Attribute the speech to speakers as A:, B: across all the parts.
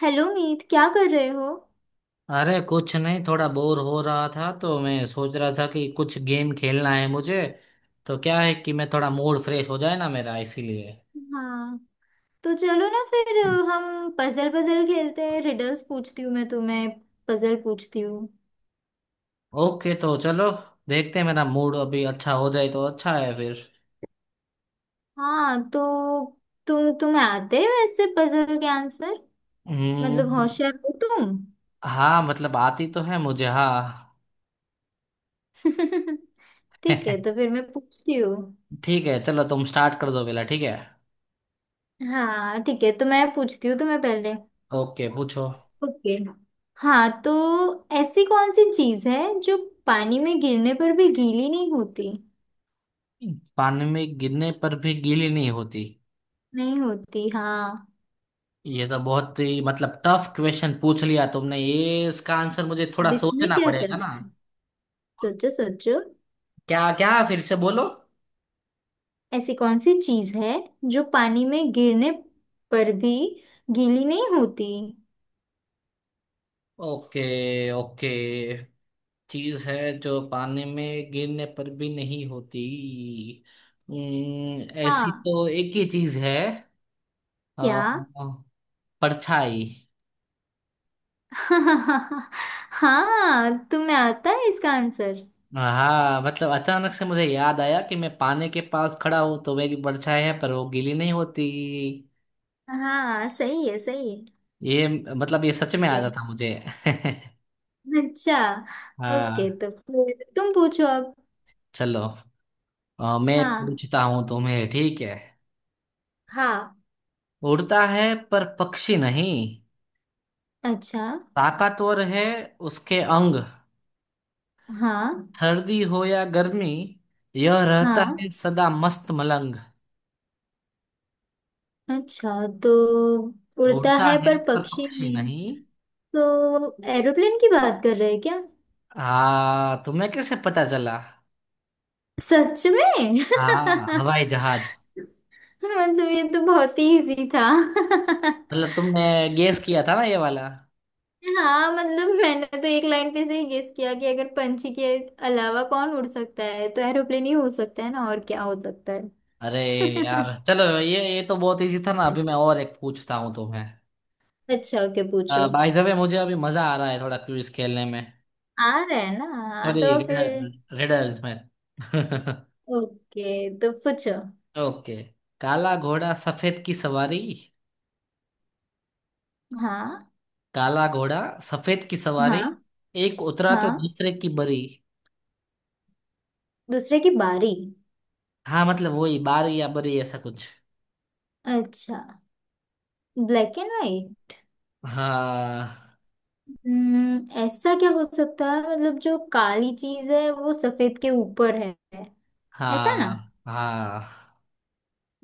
A: Hello Meet, क्या कर रहे हो।
B: अरे कुछ नहीं, थोड़ा बोर हो रहा था तो मैं सोच रहा था कि कुछ गेम खेलना है मुझे। तो क्या है कि मैं, थोड़ा मूड फ्रेश हो जाए ना मेरा, इसीलिए।
A: हाँ, तो चलो ना फिर हम पजल पजल खेलते हैं। रिडल्स पूछती हूँ मैं तुम्हें। पजल पूछती हूँ।
B: ओके तो चलो, देखते हैं मेरा मूड अभी अच्छा हो जाए तो अच्छा है फिर।
A: हाँ तो तुम्हें आते हो ऐसे पजल के आंसर। मतलब
B: हम्म।
A: होशियार हो तुम।
B: हाँ मतलब आती तो है मुझे, हाँ।
A: ठीक है, तो फिर मैं पूछती हूँ।
B: ठीक है चलो, तुम स्टार्ट कर दो पहला, ठीक है।
A: हाँ ठीक है, तो मैं पूछती हूँ तुम्हें पहले।
B: ओके पूछो।
A: ओके। हाँ तो ऐसी कौन सी चीज़ है जो पानी में गिरने पर भी गीली नहीं होती।
B: पानी में गिरने पर भी गीली नहीं होती।
A: नहीं होती, हाँ।
B: ये तो बहुत ही मतलब टफ क्वेश्चन पूछ लिया तुमने, ये इसका आंसर मुझे थोड़ा
A: इसमें
B: सोचना
A: क्या
B: पड़ेगा
A: डर।
B: ना।
A: सोचो सोचो।
B: क्या क्या फिर से बोलो।
A: ऐसी कौन सी चीज है जो पानी में गिरने पर भी गीली नहीं होती।
B: Okay okay. चीज है जो पानी में गिरने पर भी नहीं होती। ऐसी
A: हाँ,
B: तो एक ही चीज है।
A: क्या।
B: अ, परछाई।
A: हाँ तुम्हें आता है इसका आंसर।
B: हाँ मतलब अचानक से मुझे याद आया कि मैं पानी के पास खड़ा हूं तो मेरी परछाई है पर वो गीली नहीं होती।
A: हाँ सही है, सही
B: ये मतलब ये सच में आ
A: है। ठीक
B: जाता मुझे।
A: है। अच्छा, ओके,
B: हाँ
A: तो फिर तुम पूछो अब।
B: चलो, मैं
A: हाँ।
B: पूछता हूँ तुम्हें, ठीक है।
A: हाँ
B: उड़ता है पर पक्षी नहीं,
A: अच्छा।
B: ताकतवर है उसके अंग।
A: हाँ।
B: सर्दी हो या गर्मी, यह रहता है
A: हाँ
B: सदा मस्त मलंग।
A: अच्छा तो उड़ता
B: उड़ता
A: है
B: है
A: पर
B: पर
A: पक्षी
B: पक्षी
A: नहीं।
B: नहीं।
A: तो एरोप्लेन की बात कर रहे हैं क्या।
B: हाँ तुम्हें कैसे पता चला।
A: सच में
B: हाँ हवाई जहाज।
A: मतलब ये तो बहुत ही इजी था।
B: मतलब तुमने गेस किया था ना ये वाला।
A: हाँ मतलब मैंने तो एक लाइन पे से ही गेस किया कि अगर पंछी के अलावा कौन उड़ सकता है तो एरोप्लेन ही हो सकता है ना। और क्या हो सकता है।
B: अरे यार चलो, ये तो बहुत इजी था ना। अभी मैं और एक पूछता हूँ तुम्हें।
A: अच्छा ओके, पूछो।
B: बाय द वे मुझे अभी मजा आ रहा है थोड़ा क्विज खेलने में।
A: आ रहा है ना, हाँ,
B: सॉरी,
A: तो फिर।
B: रिडल्स में।
A: ओके तो पूछो।
B: ओके। काला घोड़ा सफेद की सवारी।
A: हाँ।
B: काला घोड़ा सफेद की सवारी,
A: हाँ।
B: एक उतरा तो
A: हाँ
B: दूसरे की बरी।
A: दूसरे की बारी।
B: हाँ मतलब वही बारी या बरी ऐसा कुछ।
A: अच्छा, ब्लैक एंड व्हाइट।
B: हाँ
A: ऐसा क्या हो सकता है। मतलब जो काली चीज है वो सफेद के ऊपर है, ऐसा ना।
B: हाँ हाँ।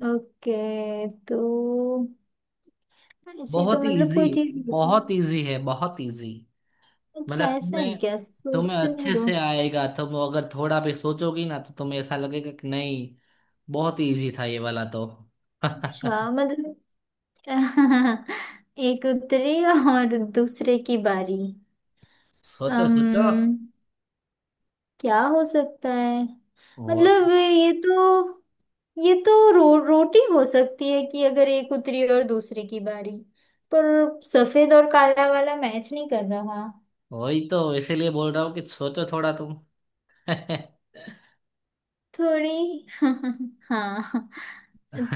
A: ओके तो ऐसी तो
B: बहुत ही
A: मतलब
B: इजी,
A: कोई चीज होती है।
B: बहुत इजी है, बहुत इजी। मतलब
A: अच्छा, ऐसा है
B: तुम्हें
A: क्या,
B: तुम्हें
A: सोचने
B: अच्छे
A: दो।
B: से आएगा, तुम अगर थोड़ा भी सोचोगी ना तो तुम्हें ऐसा लगेगा कि नहीं, बहुत ही इजी था ये वाला तो।
A: अच्छा मतलब एक उतरी और दूसरे की बारी।
B: सोचो सोचो।
A: अम्म, क्या हो सकता है।
B: वो
A: मतलब ये तो रोटी हो सकती है कि अगर एक उतरी और दूसरे की बारी। पर सफेद और काला वाला मैच नहीं कर रहा।
B: वही तो इसीलिए बोल रहा हूँ कि सोचो थोड़ा तुम।
A: थोड़ी हाँ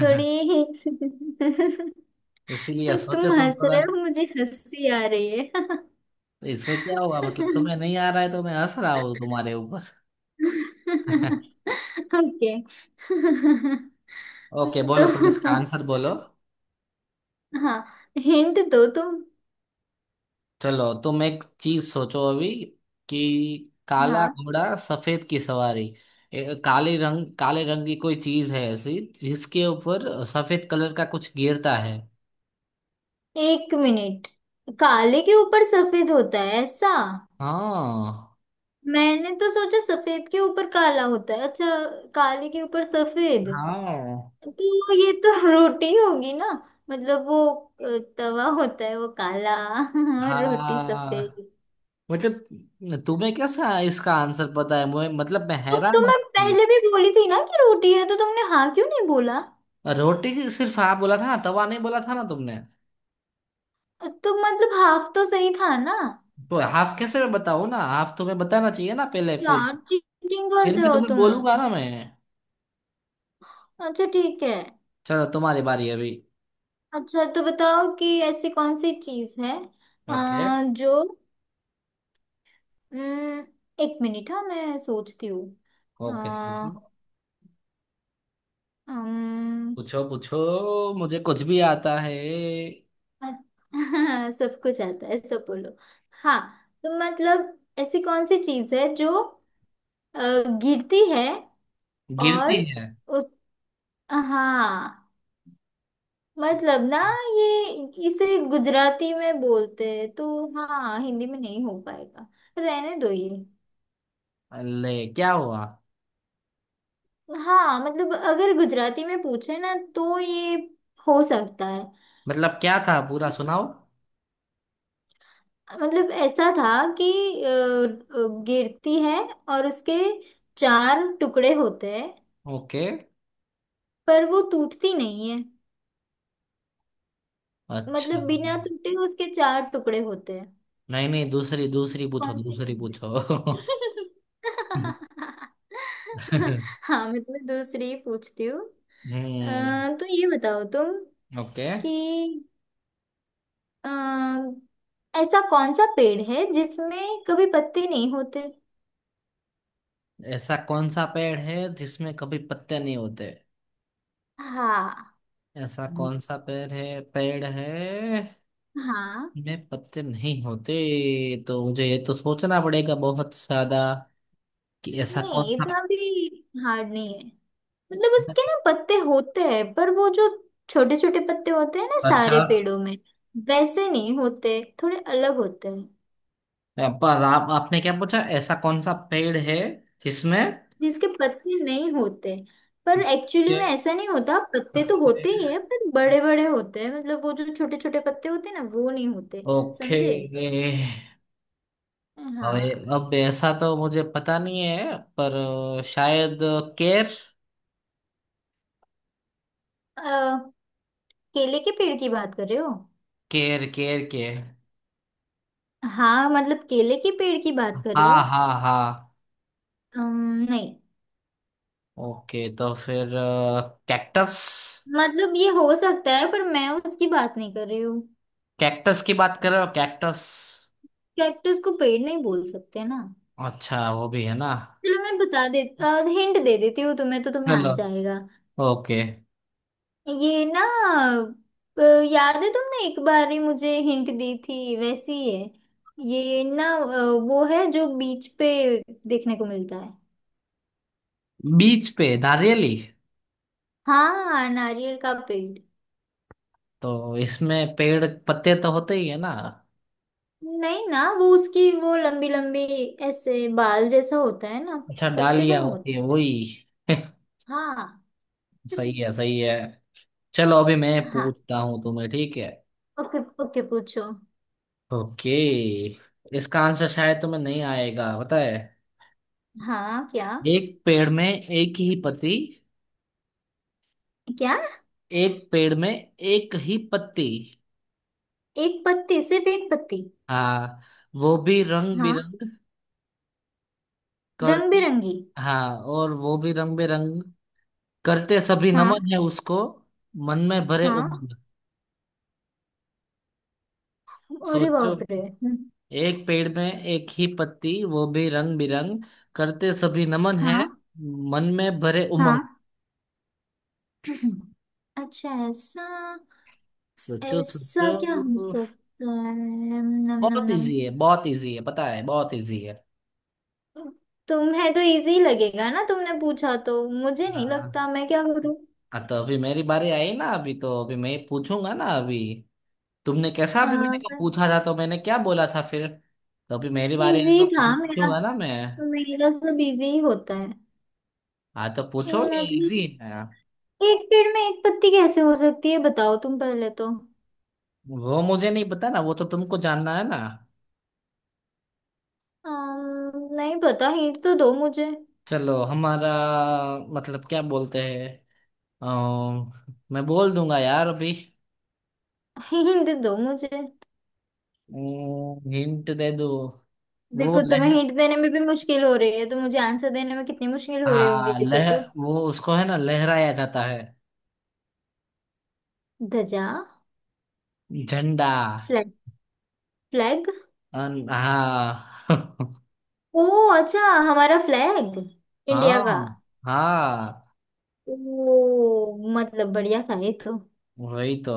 A: थोड़ी।
B: इसीलिए सोचो
A: तुम
B: तुम
A: हंस
B: थोड़ा।
A: रहे हो, मुझे हंसी आ रही है।
B: तो इसमें क्या हुआ, मतलब तुम्हें नहीं आ रहा है तो मैं हंस रहा हूँ तुम्हारे ऊपर।
A: ओके
B: ओके बोलो, तुम इसका
A: तो
B: आंसर बोलो।
A: हाँ, हिंट दो तुम।
B: चलो तुम एक चीज सोचो अभी, कि काला
A: हाँ।
B: घोड़ा सफेद की सवारी। काले रंग, काले रंग की कोई चीज है ऐसी जिसके ऊपर सफेद कलर का कुछ गिरता है।
A: एक मिनट, काले के ऊपर सफेद होता है ऐसा।
B: हाँ
A: मैंने तो सोचा सफेद के ऊपर काला होता है। अच्छा, काले के ऊपर सफेद।
B: हाँ
A: तो ये तो रोटी होगी ना। मतलब वो तवा होता है वो काला और रोटी
B: हाँ।
A: सफेद।
B: मतलब तुम्हें कैसा इसका आंसर पता है मुझे, मतलब मैं
A: तो
B: हैरान हूँ
A: मैं
B: कि।
A: पहले भी बोली थी ना कि रोटी है, तो तुमने हाँ क्यों नहीं बोला।
B: रोटी सिर्फ हाँ बोला था ना, तवा नहीं बोला था ना तुमने।
A: तो मतलब हाफ तो सही था ना।
B: तो हाफ कैसे मैं बताऊँ ना, हाफ तुम्हें बताना चाहिए ना पहले,
A: यार चीटिंग
B: फिर
A: करते
B: मैं
A: हो
B: तुम्हें
A: तुम।
B: बोलूंगा ना मैं।
A: अच्छा ठीक है।
B: चलो तुम्हारी बारी अभी।
A: अच्छा तो बताओ कि ऐसी कौन सी चीज है अ,
B: ओके
A: जो अम, एक मिनट, हाँ मैं सोचती हूँ। अ,
B: ओके सर।
A: अम,
B: पूछो पूछो, मुझे कुछ भी आता है।
A: अ- सब कुछ आता है, सब बोलो। हाँ तो मतलब ऐसी कौन सी चीज है जो अ, गिरती है और
B: गिरती है।
A: उस। हाँ मतलब ना ये इसे गुजराती में बोलते हैं तो। हाँ हिंदी में नहीं हो पाएगा, रहने दो ये।
B: अल्ले क्या हुआ।
A: हाँ मतलब अगर गुजराती में पूछे ना तो ये हो सकता है।
B: मतलब क्या था पूरा सुनाओ।
A: मतलब ऐसा था कि गिरती है और उसके चार टुकड़े होते हैं
B: ओके।
A: पर वो टूटती नहीं है।
B: अच्छा।
A: मतलब बिना टूटे उसके चार टुकड़े होते हैं।
B: नहीं नहीं, दूसरी दूसरी पूछो,
A: कौन सी
B: दूसरी
A: चीज
B: पूछो।
A: है। हाँ मैं तुम्हें दूसरी पूछती हूँ।
B: हम्म।
A: तो ये बताओ तुम
B: ओके।
A: कि अम, ऐसा कौन सा पेड़ है जिसमें कभी पत्ते नहीं होते।
B: ऐसा कौन सा पेड़ है जिसमें कभी पत्ते नहीं होते।
A: हाँ।
B: ऐसा कौन सा पेड़ है, पेड़ है
A: हाँ
B: में पत्ते नहीं होते। तो मुझे ये तो सोचना पड़ेगा बहुत ज्यादा, कि ऐसा कौन
A: नहीं,
B: सा।
A: इतना भी हार्ड नहीं है। मतलब उसके ना पत्ते होते हैं पर वो जो छोटे छोटे पत्ते होते हैं ना सारे
B: अच्छा।
A: पेड़ों में, वैसे नहीं होते, थोड़े अलग होते हैं।
B: पर आप आपने क्या पूछा, ऐसा कौन सा पेड़ है जिसमें
A: जिसके पत्ते नहीं होते पर एक्चुअली में
B: के
A: ऐसा नहीं होता, पत्ते तो
B: पत्ते।
A: होते ही है पर बड़े बड़े होते हैं। मतलब वो जो छोटे छोटे पत्ते होते हैं ना वो नहीं होते।
B: ओके।
A: समझे। हाँ,
B: अब ऐसा तो मुझे पता नहीं है पर शायद, केर
A: केले के पेड़ की बात कर रहे हो।
B: केर केर के।
A: हाँ मतलब केले के पेड़ की बात कर रहे हो।
B: हाँ हाँ हाँ।
A: नहीं।
B: ओके तो फिर कैक्टस।
A: मतलब ये हो सकता है पर मैं उसकी बात नहीं कर रही हूँ।
B: कैक्टस की बात कर रहे हो, कैक्टस।
A: कैक्टस को पेड़ नहीं बोल सकते ना।
B: अच्छा वो भी है ना।
A: चलो मैं बता दे, हिंट दे देती हूँ तुम्हें तो तुम्हें आ
B: हेलो।
A: जाएगा।
B: ओके।
A: ये ना अ, याद है तुमने एक बार ही मुझे हिंट दी थी वैसी ही है ये ना। वो है जो बीच पे देखने को मिलता है।
B: बीच पे नारियली।
A: हाँ, नारियल का पेड़।
B: तो इसमें पेड़ पत्ते तो होते ही है ना।
A: नहीं ना वो उसकी वो लंबी लंबी, ऐसे बाल जैसा होता है ना,
B: अच्छा
A: पत्ते का
B: डालियाँ
A: होता।
B: होती है वही।
A: हाँ।
B: सही है, सही है। चलो अभी मैं
A: हाँ।
B: पूछता हूँ तुम्हें, ठीक है।
A: ओके ओके पूछो।
B: ओके। इसका आंसर शायद तुम्हें नहीं आएगा पता है।
A: हाँ, क्या।
B: एक पेड़ में एक ही पत्ती।
A: क्या,
B: एक पेड़ में एक ही पत्ती।
A: एक पत्ती, सिर्फ एक पत्ती।
B: हाँ। वो भी रंग
A: हाँ।
B: बिरंग
A: रंग
B: करते।
A: बिरंगी।
B: हाँ और वो भी रंग बेरंग करते, सभी
A: हाँ।
B: नमन है उसको, मन में भरे
A: हाँ।
B: उमंग।
A: अरे
B: सोचो।
A: बाप रे।
B: एक पेड़ में एक ही पत्ती, वो भी रंग बिरंग, करते सभी नमन है,
A: हाँ।
B: मन में भरे उमंग।
A: हाँ। अच्छा ऐसा,
B: सोचो
A: ऐसा
B: सोचो।
A: क्या हो सकता है। नम नम
B: बहुत
A: नम,
B: इजी है, बहुत इजी है पता है, बहुत इजी है।
A: तुम्हें तो इजी लगेगा ना, तुमने पूछा, तो मुझे नहीं
B: हाँ।
A: लगता, मैं क्या करूँ।
B: हाँ, तो अभी मेरी बारी आई ना अभी, तो अभी मैं पूछूंगा ना अभी। तुमने कैसा
A: आ,
B: अभी मैंने को
A: बस
B: पूछा था तो मैंने क्या बोला था फिर। तो अभी मेरी बारी आई
A: इजी
B: तो
A: था
B: मैं
A: मेरा,
B: पूछूंगा ना
A: तो
B: मैं।
A: मेरा सब इजी ही होता है।
B: हाँ तो पूछो, ये
A: मतलब
B: इजी है।
A: एक पेड़ में एक पत्ती कैसे हो सकती है, बताओ तुम पहले तो।
B: वो मुझे नहीं पता ना, वो तो तुमको जानना है ना।
A: नहीं पता, हिंट तो दो मुझे।
B: चलो हमारा मतलब क्या बोलते हैं, अम, मैं बोल दूंगा यार अभी।
A: हिंट दो मुझे।
B: हिंट दे दो। वो
A: देखो तुम्हें
B: लह।
A: हिंट देने में भी मुश्किल हो रही है, तो मुझे आंसर देने में कितनी मुश्किल हो रही होंगी
B: हाँ लह
A: सोचो।
B: वो उसको है ना लहराया जाता है।
A: ध्वजा।
B: झंडा।
A: फ्लैग। फ्लैग।
B: हाँ।
A: ओ, अच्छा, हमारा फ्लैग, इंडिया का।
B: हाँ हाँ
A: ओ मतलब बढ़िया था ये तो,
B: वही तो।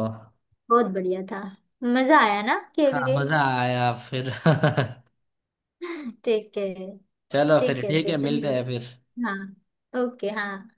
A: बहुत बढ़िया था। मजा आया ना खेल
B: हाँ
A: के।
B: मजा आया फिर।
A: ठीक है।
B: चलो फिर
A: ठीक है
B: ठीक
A: तो
B: है,
A: चलिए।
B: मिलते हैं फिर।
A: हाँ। ओके, हाँ।